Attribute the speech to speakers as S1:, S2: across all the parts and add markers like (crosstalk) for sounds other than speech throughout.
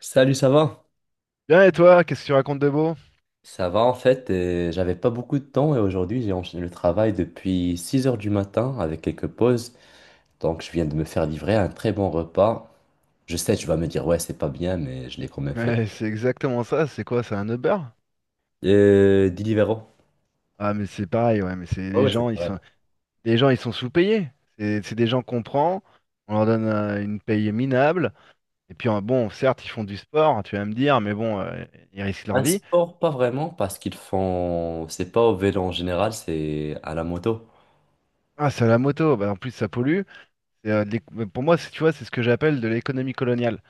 S1: Salut, ça va?
S2: Bien et toi, qu'est-ce que tu racontes de beau?
S1: Ça va en fait, j'avais pas beaucoup de temps et aujourd'hui j'ai enchaîné le travail depuis 6 heures du matin avec quelques pauses. Donc je viens de me faire livrer un très bon repas. Je sais, tu vas me dire ouais, c'est pas bien, mais je l'ai quand même fait.
S2: Ouais, c'est exactement ça, c'est quoi, c'est un Uber?
S1: Deliveroo.
S2: Ah mais c'est pareil, ouais, mais c'est
S1: Ouais, ouais, c'est vrai.
S2: les gens ils sont sous-payés. C'est des gens qu'on prend, on leur donne une paye minable, et puis bon, certes, ils font du sport, tu vas me dire, mais bon, ils risquent leur
S1: Un
S2: vie.
S1: sport, pas vraiment, parce qu'ils font. C'est pas au vélo en général, c'est à la moto.
S2: Ah, c'est à la moto, bah, en plus ça pollue. C'est, de l'éc- pour moi, c'est- tu vois, c'est ce que j'appelle de l'économie coloniale.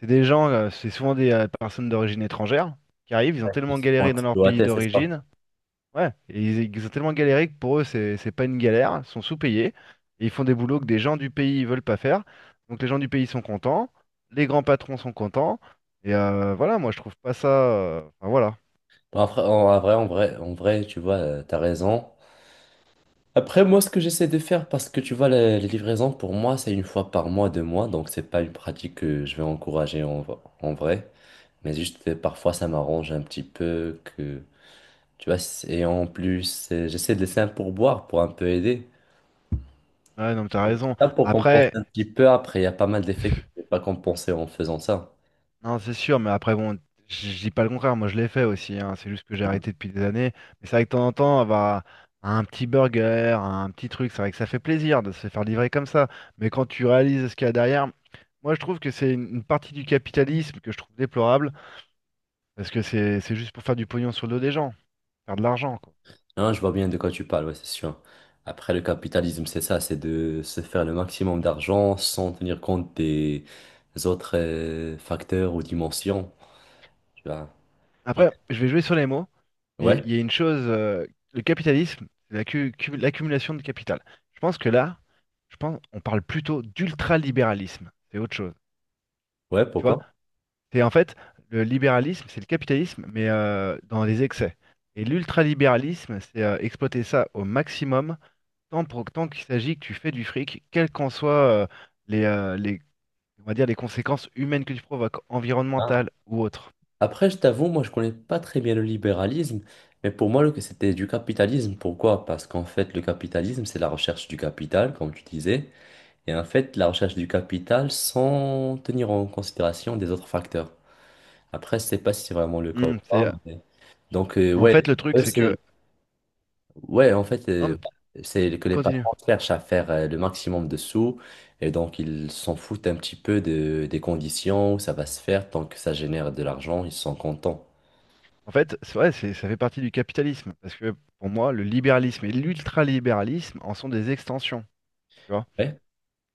S2: C'est des gens, c'est souvent des personnes d'origine étrangère qui arrivent, ils ont
S1: Ouais, ils
S2: tellement
S1: se font
S2: galéré dans leur pays
S1: exploiter, c'est ça.
S2: d'origine. Ouais, et ils ont tellement galéré que pour eux, c'est pas une galère, ils sont sous-payés, et ils font des boulots que des gens du pays veulent pas faire. Donc les gens du pays sont contents, les grands patrons sont contents, et voilà, moi je trouve pas ça. Enfin voilà.
S1: Bon, après, en vrai, tu vois, t'as raison. Après, moi, ce que j'essaie de faire, parce que tu vois, les livraisons, pour moi, c'est une fois par mois, deux mois, donc c'est pas une pratique que je vais encourager en vrai, mais juste parfois, ça m'arrange un petit peu que, tu vois, et en plus, j'essaie de laisser un pourboire pour un peu aider.
S2: Ouais, non, mais t'as
S1: Donc, c'est
S2: raison.
S1: ça pour compenser
S2: Après.
S1: un petit peu, après, il y a pas mal d'effets que je n'ai pas compensé en faisant ça.
S2: Non, c'est sûr, mais après, bon, je dis pas le contraire, moi je l'ai fait aussi, hein, c'est juste que j'ai arrêté depuis des années. Mais c'est vrai que de temps en temps, avoir un petit burger, un petit truc, c'est vrai que ça fait plaisir de se faire livrer comme ça. Mais quand tu réalises ce qu'il y a derrière, moi je trouve que c'est une partie du capitalisme que je trouve déplorable, parce que c'est juste pour faire du pognon sur le dos des gens, faire de l'argent, quoi.
S1: Non, je vois bien de quoi tu parles, ouais, c'est sûr. Après, le capitalisme, c'est ça, c'est de se faire le maximum d'argent sans tenir compte des autres facteurs ou dimensions, tu vois. Ouais,
S2: Après, je vais jouer sur les mots, mais
S1: ouais,
S2: il y a une chose, le capitalisme, c'est l'accumulation de capital. Je pense que là, je pense on parle plutôt d'ultralibéralisme, c'est autre chose.
S1: ouais,
S2: Tu vois?
S1: pourquoi?
S2: C'est en fait le libéralisme, c'est le capitalisme, mais dans les excès. Et l'ultralibéralisme, c'est exploiter ça au maximum, tant qu'il s'agit que tu fais du fric, quelles qu'en soient euh, les, on va dire, les conséquences humaines que tu provoques,
S1: Ah.
S2: environnementales ou autres.
S1: Après, je t'avoue, moi, je connais pas très bien le libéralisme, mais pour moi, c'était du capitalisme. Pourquoi? Parce qu'en fait, le capitalisme, c'est la recherche du capital, comme tu disais, et en fait, la recherche du capital sans tenir en considération des autres facteurs. Après, je sais pas si c'est vraiment le cas ou
S2: Hmm,
S1: pas.
S2: c'est,
S1: Donc,
S2: en
S1: ouais,
S2: fait, le truc,
S1: eux,
S2: c'est
S1: c'est...
S2: que.
S1: Ouais, en fait,
S2: Non, mais
S1: c'est que
S2: tu
S1: les
S2: continues.
S1: patrons cherchent à faire le maximum de sous et donc ils s'en foutent un petit peu des conditions où ça va se faire. Tant que ça génère de l'argent, ils sont contents.
S2: En fait, c'est vrai, ça fait partie du capitalisme, parce que pour moi, le libéralisme et l'ultralibéralisme en sont des extensions. Tu vois.
S1: Ouais.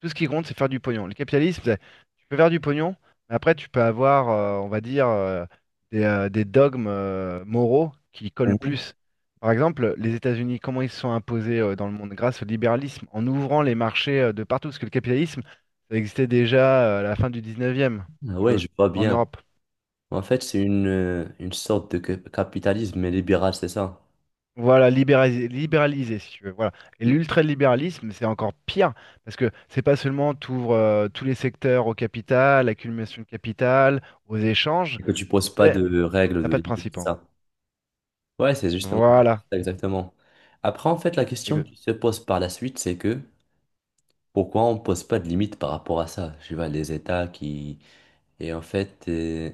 S2: Tout ce qui compte, c'est faire du pognon. Le capitalisme, tu peux faire du pognon, mais après, tu peux avoir, on va dire, des dogmes moraux qui collent
S1: Mhm.
S2: plus. Par exemple, les États-Unis, comment ils se sont imposés dans le monde grâce au libéralisme, en ouvrant les marchés de partout, parce que le capitalisme, ça existait déjà à la fin du 19e,
S1: Ah,
S2: si tu
S1: ouais,
S2: veux,
S1: je vois
S2: en
S1: bien.
S2: Europe.
S1: En fait, c'est une sorte de capitalisme libéral, c'est ça?
S2: Voilà, libéraliser, libéraliser, si tu veux. Voilà. Et
S1: Que
S2: l'ultralibéralisme, c'est encore pire, parce que c'est pas seulement t'ouvres tous les secteurs au capital, l'accumulation de capital, aux échanges,
S1: tu poses pas
S2: c'est
S1: de règles,
S2: t'as
S1: de
S2: pas de
S1: limites,
S2: principe
S1: c'est
S2: en gros.
S1: ça? Ouais, c'est justement,
S2: Voilà.
S1: c'est exactement. Après, en fait, la
S2: C'est
S1: question
S2: que-
S1: qui se pose par la suite, c'est que pourquoi on pose pas de limite par rapport à ça? Tu vois, les États qui... Et en fait,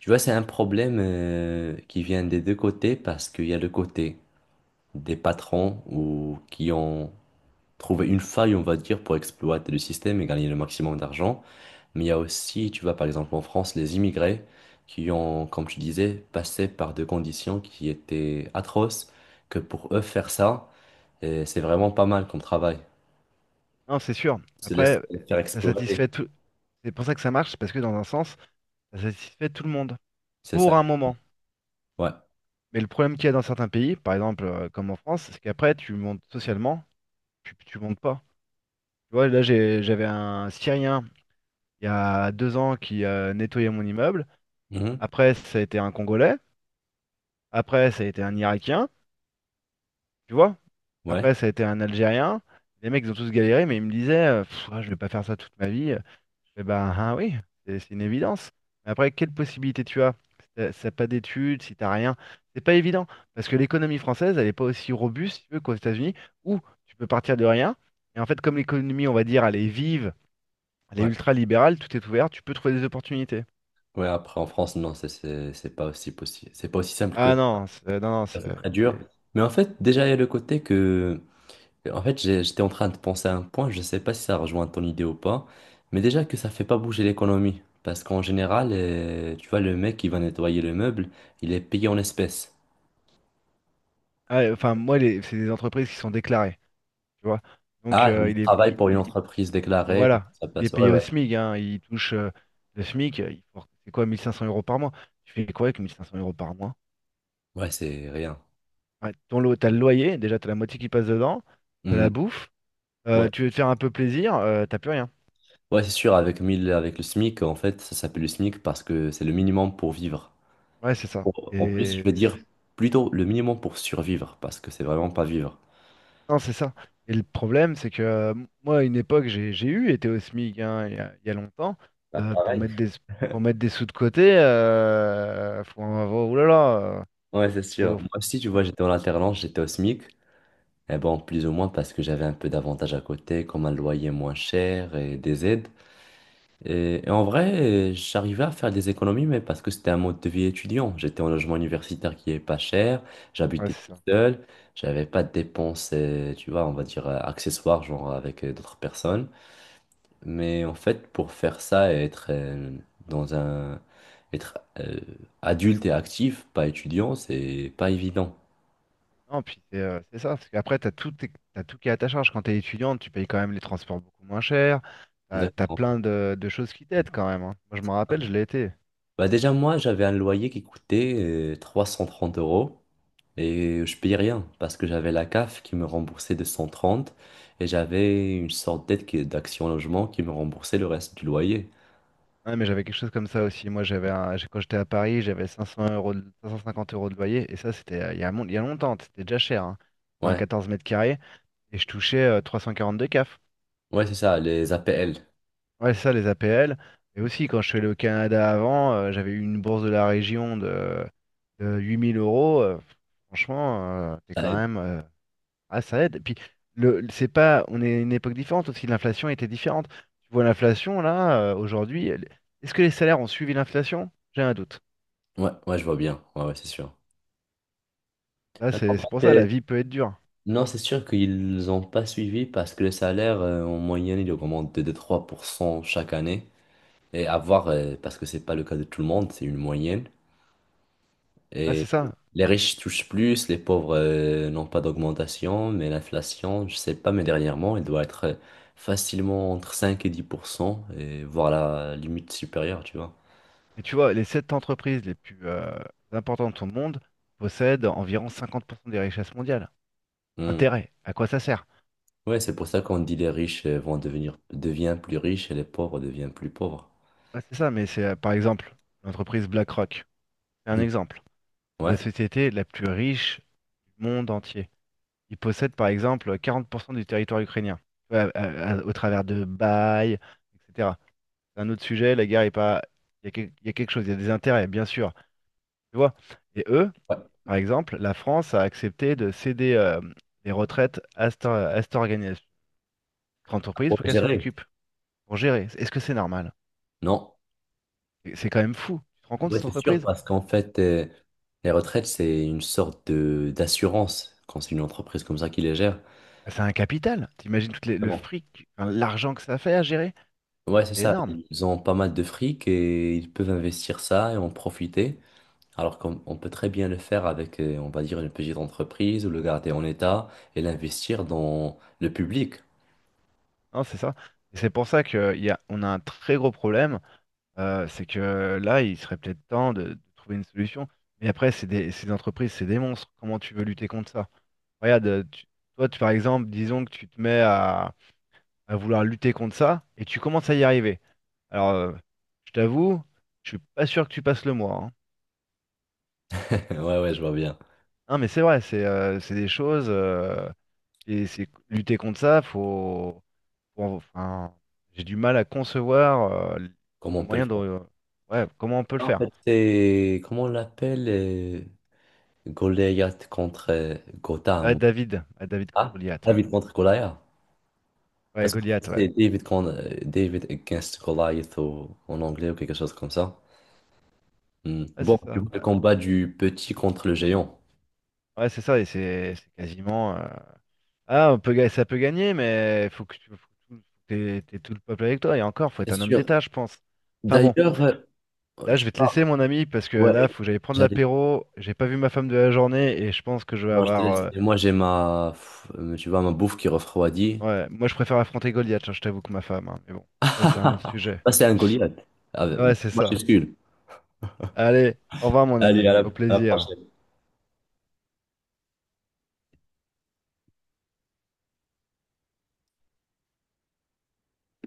S1: tu vois, c'est un problème qui vient des deux côtés parce qu'il y a le côté des patrons ou qui ont trouvé une faille, on va dire, pour exploiter le système et gagner le maximum d'argent. Mais il y a aussi, tu vois, par exemple en France, les immigrés qui ont, comme tu disais, passé par des conditions qui étaient atroces, que pour eux, faire ça, c'est vraiment pas mal comme travail.
S2: Non, c'est sûr.
S1: Ils se laissent
S2: Après,
S1: faire
S2: ça
S1: exploiter,
S2: satisfait tout. C'est pour ça que ça marche, c'est parce que dans un sens, ça satisfait tout le monde.
S1: c'est ça.
S2: Pour un moment.
S1: Ouais.
S2: Mais le problème qu'il y a dans certains pays, par exemple comme en France, c'est qu'après, tu montes socialement, tu montes pas. Tu vois, là j'avais un Syrien il y a 2 ans qui nettoyait mon immeuble.
S1: Mhm.
S2: Après, ça a été un Congolais. Après, ça a été un Irakien, tu vois.
S1: Ouais.
S2: Après, ça a été un Algérien. Les mecs, ils ont tous galéré, mais ils me disaient, ah, je vais pas faire ça toute ma vie. Eh ben, ah oui, c'est une évidence. Mais après, quelle possibilité tu as? Si t'as pas d'études, si t'as rien, c'est pas évident. Parce que l'économie française, elle est pas aussi robuste, si tu veux, qu'aux États-Unis, où tu peux partir de rien. Et en fait, comme l'économie, on va dire, elle est vive, elle est
S1: Ouais.
S2: ultra libérale, tout est ouvert, tu peux trouver des opportunités.
S1: Ouais. Après, en France, non, c'est pas aussi possible. C'est pas aussi simple que
S2: Ah non, non, non,
S1: ça. C'est très dur.
S2: c'est-
S1: Mais en fait, déjà, il y a le côté que. En fait, j'étais en train de penser à un point, je sais pas si ça rejoint ton idée ou pas, mais déjà que ça fait pas bouger l'économie. Parce qu'en général, tu vois, le mec qui va nettoyer le meuble, il est payé en espèces.
S2: ah, enfin, moi, c'est des entreprises qui sont déclarées, tu vois. Donc,
S1: Ah, il
S2: il est,
S1: travaille pour une entreprise déclarée,
S2: voilà,
S1: ça
S2: il est
S1: passe. Ouais,
S2: payé au
S1: ouais.
S2: SMIC, hein, il touche le SMIC, c'est quoi, 1500 euros par mois? Tu fais quoi avec 1500 euros par mois?
S1: Ouais, c'est rien.
S2: Ouais, ton lot, t'as le loyer, déjà, t'as la moitié qui passe dedans, t'as
S1: Hmm.
S2: la bouffe,
S1: Ouais.
S2: tu veux te faire un peu plaisir, t'as plus rien.
S1: Ouais, c'est sûr, avec 1000, avec le SMIC, en fait, ça s'appelle le SMIC parce que c'est le minimum pour vivre.
S2: Ouais, c'est ça.
S1: En plus, je veux dire plutôt le minimum pour survivre parce que c'est vraiment pas vivre.
S2: Non, c'est ça. Et le problème, c'est que moi, à une époque, j'ai eu été au SMIC hein, il y a longtemps.
S1: Bah,
S2: euh, pour
S1: pareil.
S2: mettre des, pour mettre des sous de côté, faut en avoir. Ouh là là,
S1: Ouais, c'est sûr.
S2: faut-
S1: Moi aussi, tu vois, j'étais en alternance, j'étais au SMIC. Et bon, plus ou moins parce que j'avais un peu d'avantages à côté, comme un loyer moins cher et des aides. Et en vrai, j'arrivais à faire des économies, mais parce que c'était un mode de vie étudiant. J'étais en logement universitaire qui est pas cher,
S2: ouais,
S1: j'habitais
S2: c'est
S1: tout
S2: ça.
S1: seul, j'avais pas de dépenses, tu vois, on va dire accessoires, genre avec d'autres personnes. Mais en fait, pour faire ça et être dans un, être adulte et actif, pas étudiant, c'est pas évident.
S2: Non, puis c'est ça. Parce qu'après, t'as tout, t'as tout qui est à ta charge. Quand t'es étudiante, tu payes quand même les transports beaucoup moins cher. T'as
S1: Exactement.
S2: plein de choses qui t'aident quand même, hein. Moi, je m'en rappelle, je l'ai été.
S1: Bah déjà, moi, j'avais un loyer qui coûtait 330 euros et je payais rien parce que j'avais la CAF qui me remboursait 230 et j'avais une sorte d'aide d'Action Logement qui me remboursait le reste du loyer.
S2: Ouais, mais j'avais quelque chose comme ça aussi. Moi, quand j'étais à Paris, j'avais 500 euros 550 euros de loyer. Et ça, c'était il y a longtemps. C'était déjà cher hein, pour un
S1: Ouais,
S2: 14 mètres carrés. Et je touchais 342 CAF.
S1: ouais, c'est ça, les APL.
S2: Ouais, c'est ça, les APL. Et aussi, quand je suis allé au Canada avant, j'avais eu une bourse de la région de 8 000 euros. Franchement, c'est
S1: Ça
S2: quand
S1: aide.
S2: même. Ah, ça aide. Et puis, c'est pas, on est à une époque différente aussi. L'inflation était différente. Tu vois, l'inflation, là, aujourd'hui, est-ce que les salaires ont suivi l'inflation? J'ai un doute.
S1: Ouais, ouais, je vois bien. Ouais, ouais, c'est sûr.
S2: Là,
S1: Non,
S2: c'est
S1: en
S2: c'est pour
S1: fait,
S2: ça, la vie peut être dure.
S1: non, c'est sûr qu'ils n'ont pas suivi parce que le salaire, en moyenne, il augmente de 2-3% chaque année. Et à voir, parce que c'est pas le cas de tout le monde, c'est une moyenne.
S2: Là, c'est
S1: Et
S2: ça.
S1: les riches touchent plus, les pauvres n'ont pas d'augmentation, mais l'inflation, je sais pas, mais dernièrement, elle doit être facilement entre 5 et 10%, et voire la limite supérieure, tu vois.
S2: Et tu vois, les sept entreprises les plus importantes au monde possèdent environ 50% des richesses mondiales.
S1: Hmm.
S2: Intérêt, à quoi ça sert?
S1: Ouais, c'est pour ça qu'on dit les riches vont devenir deviennent plus riches et les pauvres deviennent plus pauvres.
S2: Bah, c'est ça, mais c'est par exemple l'entreprise BlackRock. C'est un
S1: Hmm.
S2: exemple. C'est la
S1: Ouais.
S2: société la plus riche du monde entier. Ils possèdent par exemple 40% du territoire ukrainien. Tu vois, au travers de bails, etc. C'est un autre sujet, la guerre est pas. Il y a quelque chose, il y a des intérêts, bien sûr. Tu vois? Et eux.
S1: Ouais.
S2: Par exemple, la France a accepté de céder les retraites à cette cette entreprise
S1: Pour
S2: pour qu'elle s'en
S1: gérer.
S2: occupe, pour gérer. Est-ce que c'est normal?
S1: Non.
S2: C'est quand même fou. Tu te rends compte,
S1: Ouais,
S2: cette
S1: c'est sûr,
S2: entreprise?
S1: parce qu'en fait, les retraites, c'est une sorte de d'assurance quand c'est une entreprise comme ça qui les gère.
S2: Ah, c'est un capital. T'imagines tout le fric, enfin, l'argent que ça fait à gérer?
S1: Ouais, c'est
S2: C'est
S1: ça.
S2: énorme.
S1: Ils ont pas mal de fric et ils peuvent investir ça et en profiter. Alors qu'on on peut très bien le faire avec, on va dire, une petite entreprise ou le garder en état et l'investir dans le public.
S2: Non, c'est ça. Et c'est pour ça que on a un très gros problème. C'est que là, il serait peut-être temps de trouver une solution. Mais après, ces entreprises, c'est des monstres. Comment tu veux lutter contre ça? Regarde, toi, tu, par exemple, disons que tu te mets à vouloir lutter contre ça, et tu commences à y arriver. Alors, je t'avoue, je suis pas sûr que tu passes le mois, hein.
S1: (laughs) Ouais, ouais, je vois bien.
S2: Non, mais c'est vrai, c'est des choses. Et c'est lutter contre ça, enfin, j'ai du mal à concevoir
S1: Comment
S2: les
S1: on peut le
S2: moyens de.
S1: faire?
S2: Ouais, comment on peut le
S1: En
S2: faire?
S1: fait, c'est, comment on l'appelle? Goliath contre Gotham.
S2: Ouais, David contre
S1: Ah,
S2: Goliath. Ouais,
S1: David contre Goliath.
S2: ouais,
S1: Parce qu'en fait,
S2: Goliath, ouais.
S1: c'est David against Goliath en anglais ou quelque chose comme ça. Hmm.
S2: Ouais,
S1: Bon,
S2: c'est
S1: tu
S2: ça.
S1: vois le
S2: Ouais,
S1: combat du petit contre le géant.
S2: ouais, c'est ça, et c'est quasiment. Ah, on peut, ça peut gagner, mais faut que t'aies tout le peuple avec toi. Et encore, faut
S1: C'est
S2: être un homme
S1: sûr.
S2: d'État, je pense. Enfin bon,
S1: D'ailleurs,
S2: là,
S1: tu...
S2: je vais te laisser, mon ami, parce que
S1: ouais,
S2: là, faut que j'aille prendre
S1: j'allais.
S2: l'apéro. J'ai pas vu ma femme de la journée et je pense que je vais
S1: Non, je te
S2: avoir.
S1: laisse. Et moi, j'ai ma, pff, tu vois, ma bouffe qui refroidit.
S2: Ouais, moi, je préfère affronter Goliath, hein, je t'avoue que ma femme, hein, mais bon, ça, c'est un autre
S1: (laughs)
S2: sujet.
S1: Ça, c'est un Goliath. Ah,
S2: Ouais, c'est
S1: moi, je
S2: ça.
S1: suis Skull.
S2: Allez, au revoir, mon
S1: Allez,
S2: ami. Au
S1: à la
S2: plaisir.
S1: prochaine.